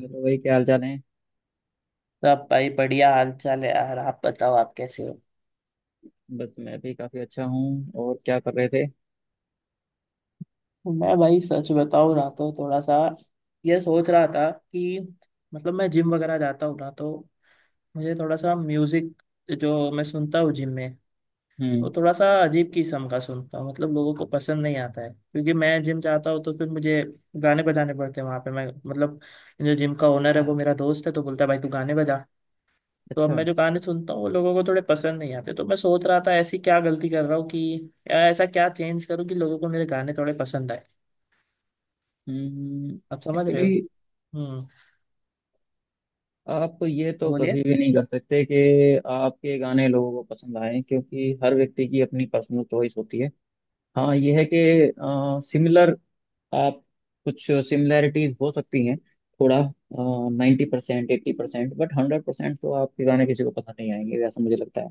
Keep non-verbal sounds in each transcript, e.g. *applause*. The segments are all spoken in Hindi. हेलो भाई, क्या हाल चाल है। सब भाई बढ़िया हाल चाल है यार। आप बताओ, आप कैसे हो? बस मैं भी काफ़ी अच्छा हूँ और क्या कर रहे थे। मैं भाई सच बताऊं ना तो थोड़ा सा ये सोच रहा था कि मतलब मैं जिम वगैरह जाता हूँ ना, तो मुझे थोड़ा सा म्यूजिक, जो मैं सुनता हूँ जिम में, वो हम्म। थोड़ा सा अजीब किस्म का सुनता हूँ। मतलब लोगों को पसंद नहीं आता है, क्योंकि मैं जिम जाता हूँ तो फिर मुझे गाने बजाने पड़ते हैं वहां पे। मैं मतलब, जो जिम का ओनर है वो मेरा दोस्त है, तो बोलता है भाई तू गाने बजा। तो अब अच्छा। मैं जो गाने सुनता हूँ वो लोगों को थोड़े पसंद नहीं आते, तो मैं सोच रहा था ऐसी क्या गलती कर रहा हूँ कि, या ऐसा क्या चेंज करूँ कि लोगों को मेरे गाने थोड़े पसंद आए। हम्म। आप समझ रहे एक्चुअली, हो? हम्म। आप ये तो बोलिए। कभी भी नहीं कर सकते कि आपके गाने लोगों को पसंद आए, क्योंकि हर व्यक्ति की अपनी पर्सनल चॉइस होती है। हाँ, ये है कि सिमिलर, आप, कुछ सिमिलैरिटीज हो सकती हैं, थोड़ा 90% 80%, बट 100% तो आपके गाने किसी को पसंद नहीं आएंगे, वैसा मुझे लगता है।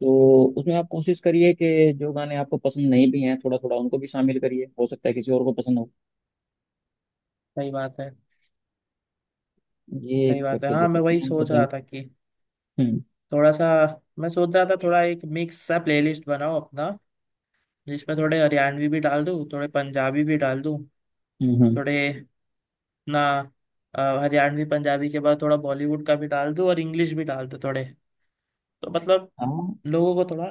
तो उसमें आप कोशिश करिए कि जो गाने आपको पसंद नहीं भी हैं, थोड़ा थोड़ा उनको भी शामिल करिए, हो सकता है किसी और को पसंद हो। सही बात है। ये सही बात है। करके हाँ, देख मैं सकते वही हैं आप सोच रहा बदलाव। था कि हम्म। थोड़ा सा। मैं सोच रहा था थोड़ा एक मिक्स सा प्लेलिस्ट बनाओ अपना। जिसमें थोड़े हरियाणवी भी डाल दूँ, थोड़े पंजाबी भी डाल दूँ, हम्म। थोड़े ना हरियाणवी पंजाबी के बाद थोड़ा बॉलीवुड का भी डाल दूँ, और इंग्लिश भी डाल दूँ थोड़े। तो मतलब हाँ। लोगों को थोड़ा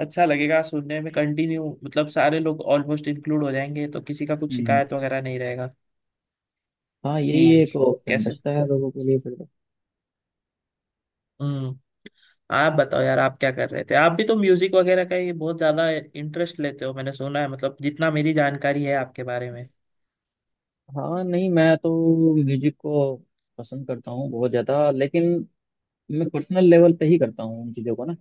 अच्छा लगेगा सुनने में। कंटिन्यू मतलब सारे लोग ऑलमोस्ट इंक्लूड हो जाएंगे, तो किसी का कुछ हम्म। शिकायत वगैरह नहीं रहेगा। हाँ, यही कि एक ऑप्शन कैसे। बचता है लोगों के लिए फिर तो। हम्म। आप बताओ यार, आप क्या कर रहे थे? आप भी तो म्यूजिक वगैरह का ये बहुत ज्यादा इंटरेस्ट लेते हो, मैंने सुना है, मतलब जितना मेरी जानकारी है आपके बारे में। हाँ नहीं, मैं तो म्यूजिक को पसंद करता हूँ बहुत ज़्यादा, लेकिन मैं पर्सनल लेवल पे ही करता हूँ उन चीज़ों को ना।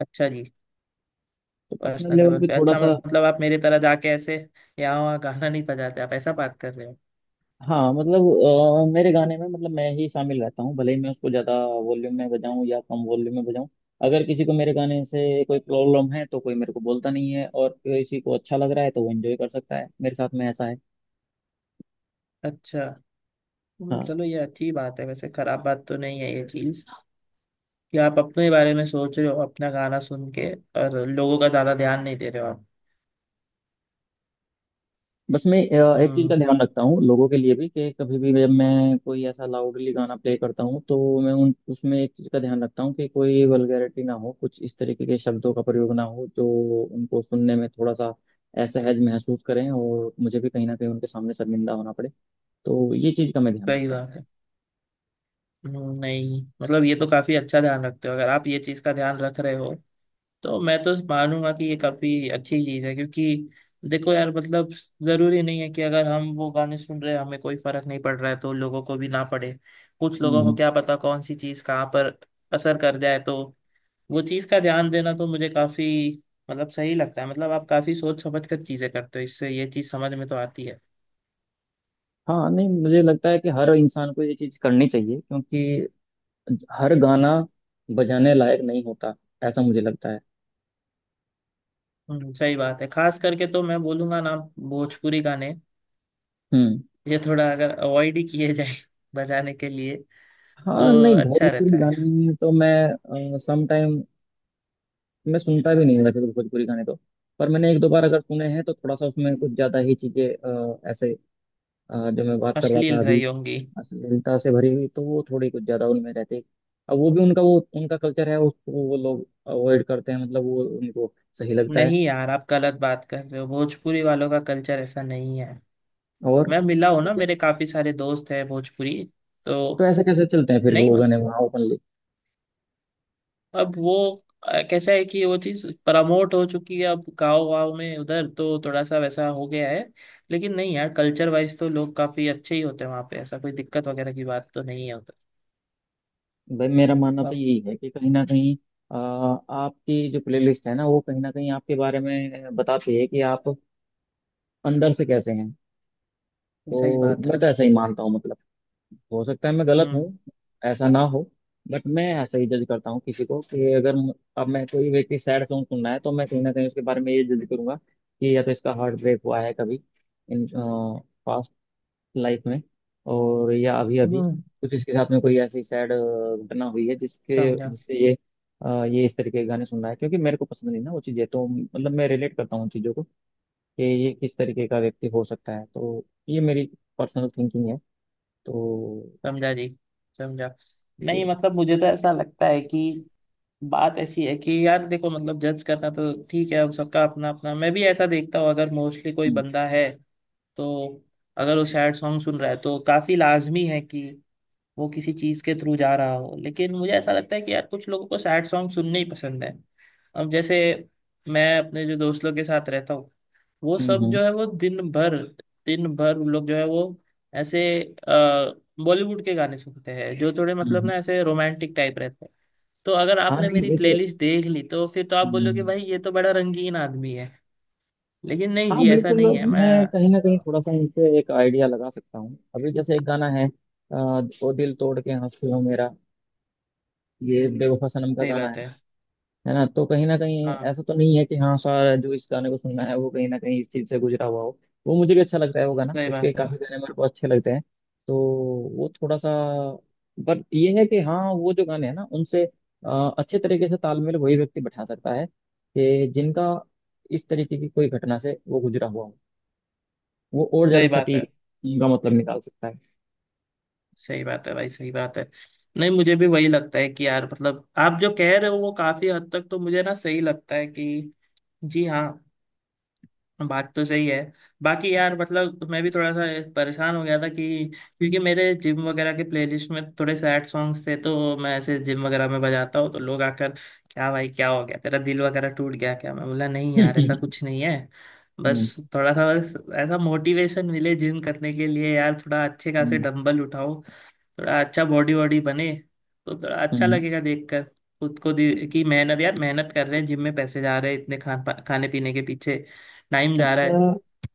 अच्छा जी। तो पर्सनल पर्सनल लेवल लेवल पे पे, थोड़ा अच्छा सा। मतलब आप मेरे तरह जाके ऐसे यहाँ वहाँ गाना नहीं बजाते, आप ऐसा बात कर रहे हो। हाँ मतलब, मेरे गाने में मतलब मैं ही शामिल रहता हूँ, भले ही मैं उसको ज़्यादा वॉल्यूम में बजाऊँ या कम वॉल्यूम में बजाऊँ। अगर किसी को मेरे गाने से कोई प्रॉब्लम है तो कोई मेरे को बोलता नहीं है, और किसी को अच्छा लग रहा है तो वो एंजॉय कर सकता है मेरे साथ में, ऐसा है। अच्छा। हाँ। चलो ये अच्छी बात है। वैसे खराब बात तो नहीं है ये चीज, कि आप अपने बारे में सोच रहे हो, अपना गाना सुन के, और लोगों का ज्यादा ध्यान नहीं दे रहे हो आप। बस मैं एक चीज का हम्म। ध्यान रखता हूँ लोगों के लिए भी, कि कभी भी मैं कोई ऐसा लाउडली गाना प्ले करता हूँ, तो मैं उन उसमें एक चीज का ध्यान रखता हूँ कि कोई वल्गैरिटी ना हो, कुछ इस तरीके के शब्दों का प्रयोग ना हो जो उनको सुनने में थोड़ा सा असहज महसूस करें और मुझे भी कहीं ना कहीं उनके सामने शर्मिंदा होना पड़े। तो ये चीज का मैं ध्यान सही रखता हूँ। बात है। नहीं मतलब ये तो काफी अच्छा ध्यान रखते हो। अगर आप ये चीज का ध्यान रख रहे हो तो मैं तो मानूंगा कि ये काफी अच्छी चीज है, क्योंकि देखो यार मतलब, जरूरी नहीं है कि अगर हम वो गाने सुन रहे हैं, हमें कोई फर्क नहीं पड़ रहा है, तो लोगों को भी ना पड़े। कुछ हम्म। लोगों को हम्म। क्या पता कौन सी चीज कहाँ पर असर कर जाए, तो वो चीज का ध्यान देना तो मुझे काफी, मतलब सही लगता है। मतलब आप काफी सोच समझ कर चीजें करते हो, इससे ये चीज समझ में तो आती है। हाँ नहीं, मुझे लगता है कि हर इंसान को ये चीज करनी चाहिए, क्योंकि हर गाना बजाने लायक नहीं होता, ऐसा मुझे लगता है। सही बात है। खास करके तो मैं बोलूंगा ना, भोजपुरी गाने हम्म। ये थोड़ा अगर अवॉइड ही किए जाए *laughs* बजाने के लिए तो हाँ नहीं, अच्छा भोजपुरी रहता है। गाने तो मैं सम टाइम, मैं सुनता भी नहीं हूँ वैसे तो भोजपुरी गाने तो, पर मैंने एक दो बार अगर सुने हैं तो थोड़ा सा उसमें कुछ ज्यादा ही चीजें, ऐसे, जो मैं बात कर रहा था अश्लील अभी, रही होंगी। अश्लीलता से भरी हुई, तो वो थोड़ी कुछ ज्यादा उनमें रहती है। अब वो भी उनका, वो उनका कल्चर है, उसको वो लोग अवॉइड करते हैं, मतलब वो उनको सही लगता है। नहीं यार, आप गलत बात कर रहे हो, भोजपुरी वालों का कल्चर ऐसा नहीं है। और मैं मिला हूँ ना, मेरे काफी सारे दोस्त हैं भोजपुरी। तो तो ऐसे कैसे चलते हैं फिर नहीं वो गाने मतलब, वहाँ ओपनली। अब वो कैसा है कि वो चीज प्रमोट हो चुकी है अब गाँव गाँव में उधर, तो थोड़ा सा वैसा हो गया है। लेकिन नहीं यार, कल्चर वाइज तो लोग काफी अच्छे ही होते हैं वहाँ पे, ऐसा कोई दिक्कत वगैरह की बात तो नहीं है उधर। भाई, मेरा मानना तो अब यही है कि कहीं ना कहीं आपकी जो प्लेलिस्ट है ना, वो कहीं ना कहीं आपके बारे में बताती है कि आप अंदर से कैसे हैं। सही तो बात है। मैं तो ऐसा ही मानता हूँ, मतलब हो सकता है मैं गलत हूँ, हम्म ऐसा ना हो, बट मैं ऐसा ही जज करता हूँ किसी को, कि अगर अब मैं, कोई व्यक्ति सैड सॉन्ग सुनना है तो मैं कहीं ना कहीं उसके बारे में ये जज करूंगा कि या तो इसका हार्ट ब्रेक हुआ है कभी इन लाइफ में, और या अभी अभी हम्म। कुछ इसके साथ में कोई ऐसी सैड घटना हुई है जिसके समझा। जिससे ये ये इस तरीके के गाने सुन रहा है, क्योंकि मेरे को पसंद नहीं ना वो चीज़ें, तो मतलब मैं रिलेट करता हूँ उन चीज़ों को कि ये किस तरीके का व्यक्ति हो सकता है। तो ये मेरी पर्सनल थिंकिंग है। तो समझा जी। समझा। नहीं ये। मतलब मुझे तो ऐसा लगता है कि, बात ऐसी है कि यार देखो मतलब, जज करना तो ठीक है, अब सबका अपना अपना। मैं भी ऐसा देखता हूँ, अगर मोस्टली कोई हम्म। बंदा है, तो अगर वो सैड सॉन्ग सुन रहा है तो काफी लाजमी है कि वो किसी चीज के थ्रू जा रहा हो। लेकिन मुझे ऐसा लगता है कि यार कुछ लोगों को सैड सॉन्ग सुनने ही पसंद है। अब जैसे मैं अपने जो दोस्त लोग के साथ रहता हूँ, वो हम्म। सब हम्म। जो है वो दिन भर उन लोग जो है वो ऐसे बॉलीवुड के गाने सुनते हैं, जो थोड़े मतलब हम्म। ना ऐसे रोमांटिक टाइप रहते हैं। तो अगर हाँ आपने नहीं, मेरी ये तो। प्लेलिस्ट देख ली तो फिर तो आप बोलोगे हम्म, भाई ये तो बड़ा रंगीन आदमी है। लेकिन नहीं हाँ जी, ऐसा बिल्कुल, नहीं है मैं मैं कहीं ना कहीं अ, थोड़ा सा इनसे एक आइडिया लगा सकता हूँ। अभी जैसे एक गाना है, अ, ओ दिल तोड़ के हंस लो मेरा, ये बेवफा सनम का सही गाना है बात है। है ना, तो कहीं ना कहीं हाँ ऐसा तो नहीं है कि हाँ सारा जो इस गाने को सुनना है वो कहीं ना कहीं इस चीज से गुजरा हुआ हो। वो मुझे भी अच्छा लगता है, वो गाना, सही उसके बात है। काफी गाने मेरे को अच्छे लगते हैं। तो वो थोड़ा सा, पर ये है कि हाँ, वो जो गाने हैं ना, उनसे अच्छे तरीके से तालमेल वही व्यक्ति बैठा सकता है कि जिनका इस तरीके की कोई घटना से वो गुजरा हुआ हो, वो और ज्यादा सही बात है। सटीक उनका मतलब निकाल सकता है *laughs* सही बात है भाई, सही बात है। नहीं मुझे भी वही लगता है कि यार मतलब आप जो कह रहे हो, वो काफी हद तक तो मुझे ना सही लगता है कि, जी हाँ, बात तो सही है। बाकी यार मतलब मैं भी थोड़ा सा परेशान हो गया था कि, क्योंकि मेरे जिम वगैरह के प्लेलिस्ट में थोड़े सैड सॉन्ग्स थे, तो मैं ऐसे जिम वगैरह में बजाता हूँ, तो लोग आकर, क्या भाई क्या हो गया, तेरा दिल वगैरह टूट गया क्या? मैं बोला नहीं यार, ऐसा हम्म। कुछ नहीं है। बस थोड़ा सा, बस ऐसा मोटिवेशन मिले जिम करने के लिए, यार थोड़ा अच्छे खासे हम्म। डंबल उठाओ, थोड़ा अच्छा बॉडी वॉडी बने, तो थोड़ा अच्छा हम्म। लगेगा देखकर। खुद को कि मेहनत, यार मेहनत कर रहे हैं, जिम में पैसे जा रहे हैं इतने, खाने पीने के पीछे टाइम जा रहा है, अच्छा।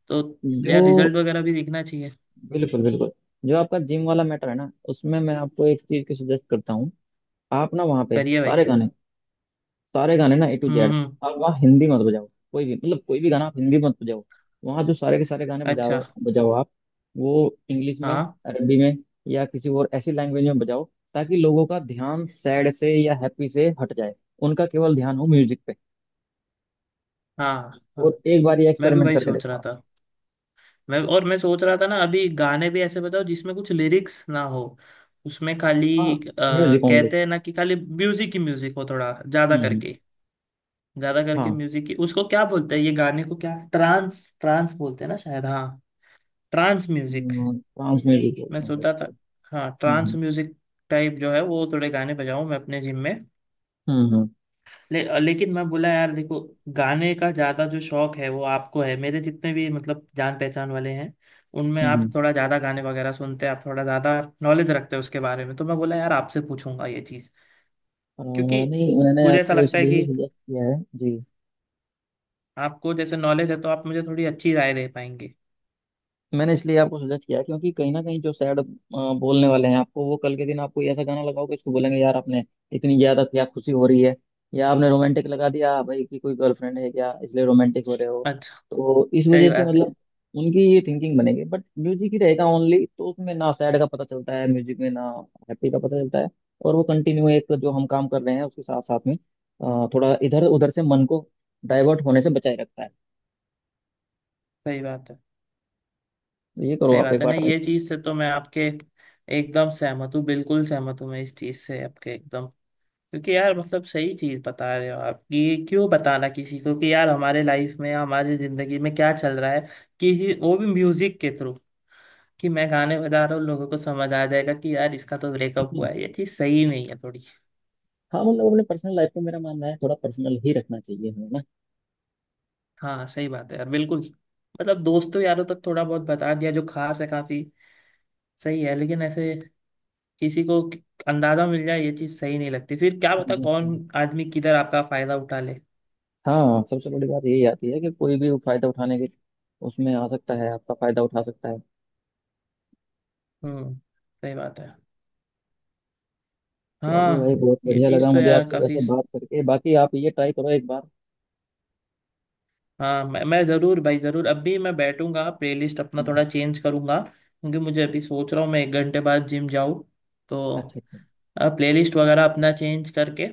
तो जो यार रिजल्ट वगैरह भी दिखना चाहिए। बिल्कुल बिल्कुल। जो आपका जिम वाला मैटर है ना, उसमें मैं आपको एक चीज की सजेस्ट करता हूँ। आप ना वहाँ पे करिए भाई। सारे गाने ना A to hmm Z hmm, आप वहाँ हिंदी मत बजाओ, कोई भी मतलब, कोई भी गाना आप हिंदी मत बजाओ। वहाँ जो सारे के सारे गाने अच्छा। बजाओ बजाओ आप, वो इंग्लिश में, हाँ अरबी में, या किसी और ऐसी लैंग्वेज में बजाओ, ताकि लोगों का ध्यान सैड से या हैप्पी से हट जाए, उनका केवल ध्यान हो म्यूजिक पे। हाँ हाँ, और एक बार ये मैं भी एक्सपेरिमेंट वही करके सोच देखो रहा आप। था। मैं और मैं सोच रहा था ना, अभी गाने भी ऐसे बताओ जिसमें कुछ लिरिक्स ना हो, उसमें खाली हाँ, म्यूजिक ओनली। कहते हैं ना कि खाली म्यूजिक ही म्यूजिक हो, थोड़ा ज्यादा हम्म, हम्म। करके। ज्यादा करके हाँ, म्यूजिक की उसको क्या बोलते हैं, ये गाने को क्या ट्रांस ट्रांस बोलते हैं ना शायद, हाँ ट्रांस म्यूजिक। ट्रांस म्यूजिक मैं बोलते हैं। सोचता था, हाँ हम्म। Trance hmm. म्यूजिक टाइप जो है वो थोड़े गाने बजाऊं मैं अपने जिम में। हम्म। हम्म। लेकिन मैं बोला यार देखो, गाने का ज्यादा जो शौक है वो आपको है, मेरे जितने भी मतलब जान पहचान वाले हैं उनमें। हम्म। आप थोड़ा ज्यादा गाने वगैरह सुनते हैं, आप थोड़ा ज्यादा नॉलेज रखते हैं उसके बारे में, तो मैं बोला यार आपसे पूछूंगा ये चीज। आ, क्योंकि नहीं, मैंने मुझे ऐसा आपको लगता है इसलिए कि ही सजेस्ट किया है। जी, आपको जैसे नॉलेज है तो आप मुझे थोड़ी अच्छी राय दे पाएंगे। मैंने इसलिए आपको सजेस्ट किया क्योंकि कहीं ना कहीं जो सैड बोलने वाले हैं आपको, वो कल के दिन आपको ऐसा गाना लगाओ कि इसको बोलेंगे, यार आपने इतनी ज्यादा क्या खुशी हो रही है, या आपने रोमांटिक लगा दिया, "हाँ, भाई कि कोई गर्लफ्रेंड है क्या, इसलिए रोमांटिक हो रहे हो"। अच्छा। तो इस सही वजह से बात है। मतलब, उनकी ये थिंकिंग बनेगी, बट म्यूजिक ही रहेगा ओनली, तो उसमें ना सैड का पता चलता है म्यूजिक में, ना हैप्पी का पता चलता है, और वो कंटिन्यू एक जो हम काम कर रहे हैं उसके साथ साथ में थोड़ा इधर उधर से मन को डाइवर्ट होने से बचाए रखता है। सही बात है। तो ये करो सही आप एक बात है ना, बार ये चीज से तो मैं आपके एकदम सहमत हूँ, बिल्कुल सहमत हूँ मैं इस चीज से आपके एकदम। क्योंकि यार मतलब सही चीज बता रहे हो आप, कि ये क्यों बताना किसी को कि यार हमारे लाइफ में, हमारी जिंदगी में क्या चल रहा है, कि वो भी म्यूजिक के थ्रू, कि मैं गाने बजा रहा हूँ लोगों को समझ आ जाएगा कि यार इसका तो ब्रेकअप ट्राई। हुआ है, ये चीज सही नहीं है थोड़ी। हाँ मतलब, अपने पर्सनल लाइफ को, मेरा मानना है थोड़ा पर्सनल ही रखना चाहिए हमें ना। हाँ सही बात है यार बिल्कुल। मतलब दोस्तों यारों तक थोड़ा बहुत बता दिया जो खास है, काफी सही है। लेकिन ऐसे किसी को अंदाजा मिल जाए, ये चीज सही नहीं लगती। फिर क्या पता हम्म। कौन आदमी किधर आपका फायदा उठा ले। हाँ, सबसे बड़ी बात यही आती है कि कोई भी फायदा उठाने के, उसमें आ सकता है, आपका फायदा उठा सकता है। हम्म। सही बात है। चलिए भाई, हाँ बहुत ये बढ़िया लगा चीज तो मुझे यार आपसे काफी। वैसे बात करके, बाकी आप ये ट्राई करो एक बार। हाँ मैं जरूर भाई जरूर। अभी मैं बैठूंगा, प्लेलिस्ट अपना हम्म। थोड़ा चेंज करूंगा, क्योंकि मुझे अभी सोच रहा हूँ मैं एक घंटे बाद जिम जाऊँ, तो अच्छा, अच्छा। प्लेलिस्ट वगैरह अपना चेंज करके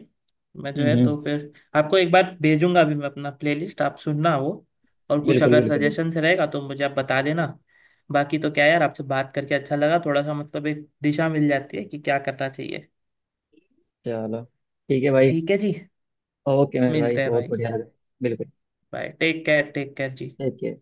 मैं जो हम्म, है हम्म। तो फिर आपको एक बार भेजूंगा। अभी मैं अपना प्लेलिस्ट आप सुनना वो, और कुछ बिल्कुल अगर बिल्कुल बिल्कुल। सजेशंस रहेगा तो मुझे आप बता देना। बाकी तो क्या यार, आपसे बात करके अच्छा लगा थोड़ा सा, मतलब एक दिशा मिल जाती है कि क्या करना चाहिए। चलो, ठीक है भाई। ठीक है जी। ओके मेरे भाई, मिलते हैं भाई। बहुत बढ़िया लगा। बिल्कुल। Bye, take care, take care जी। Take care.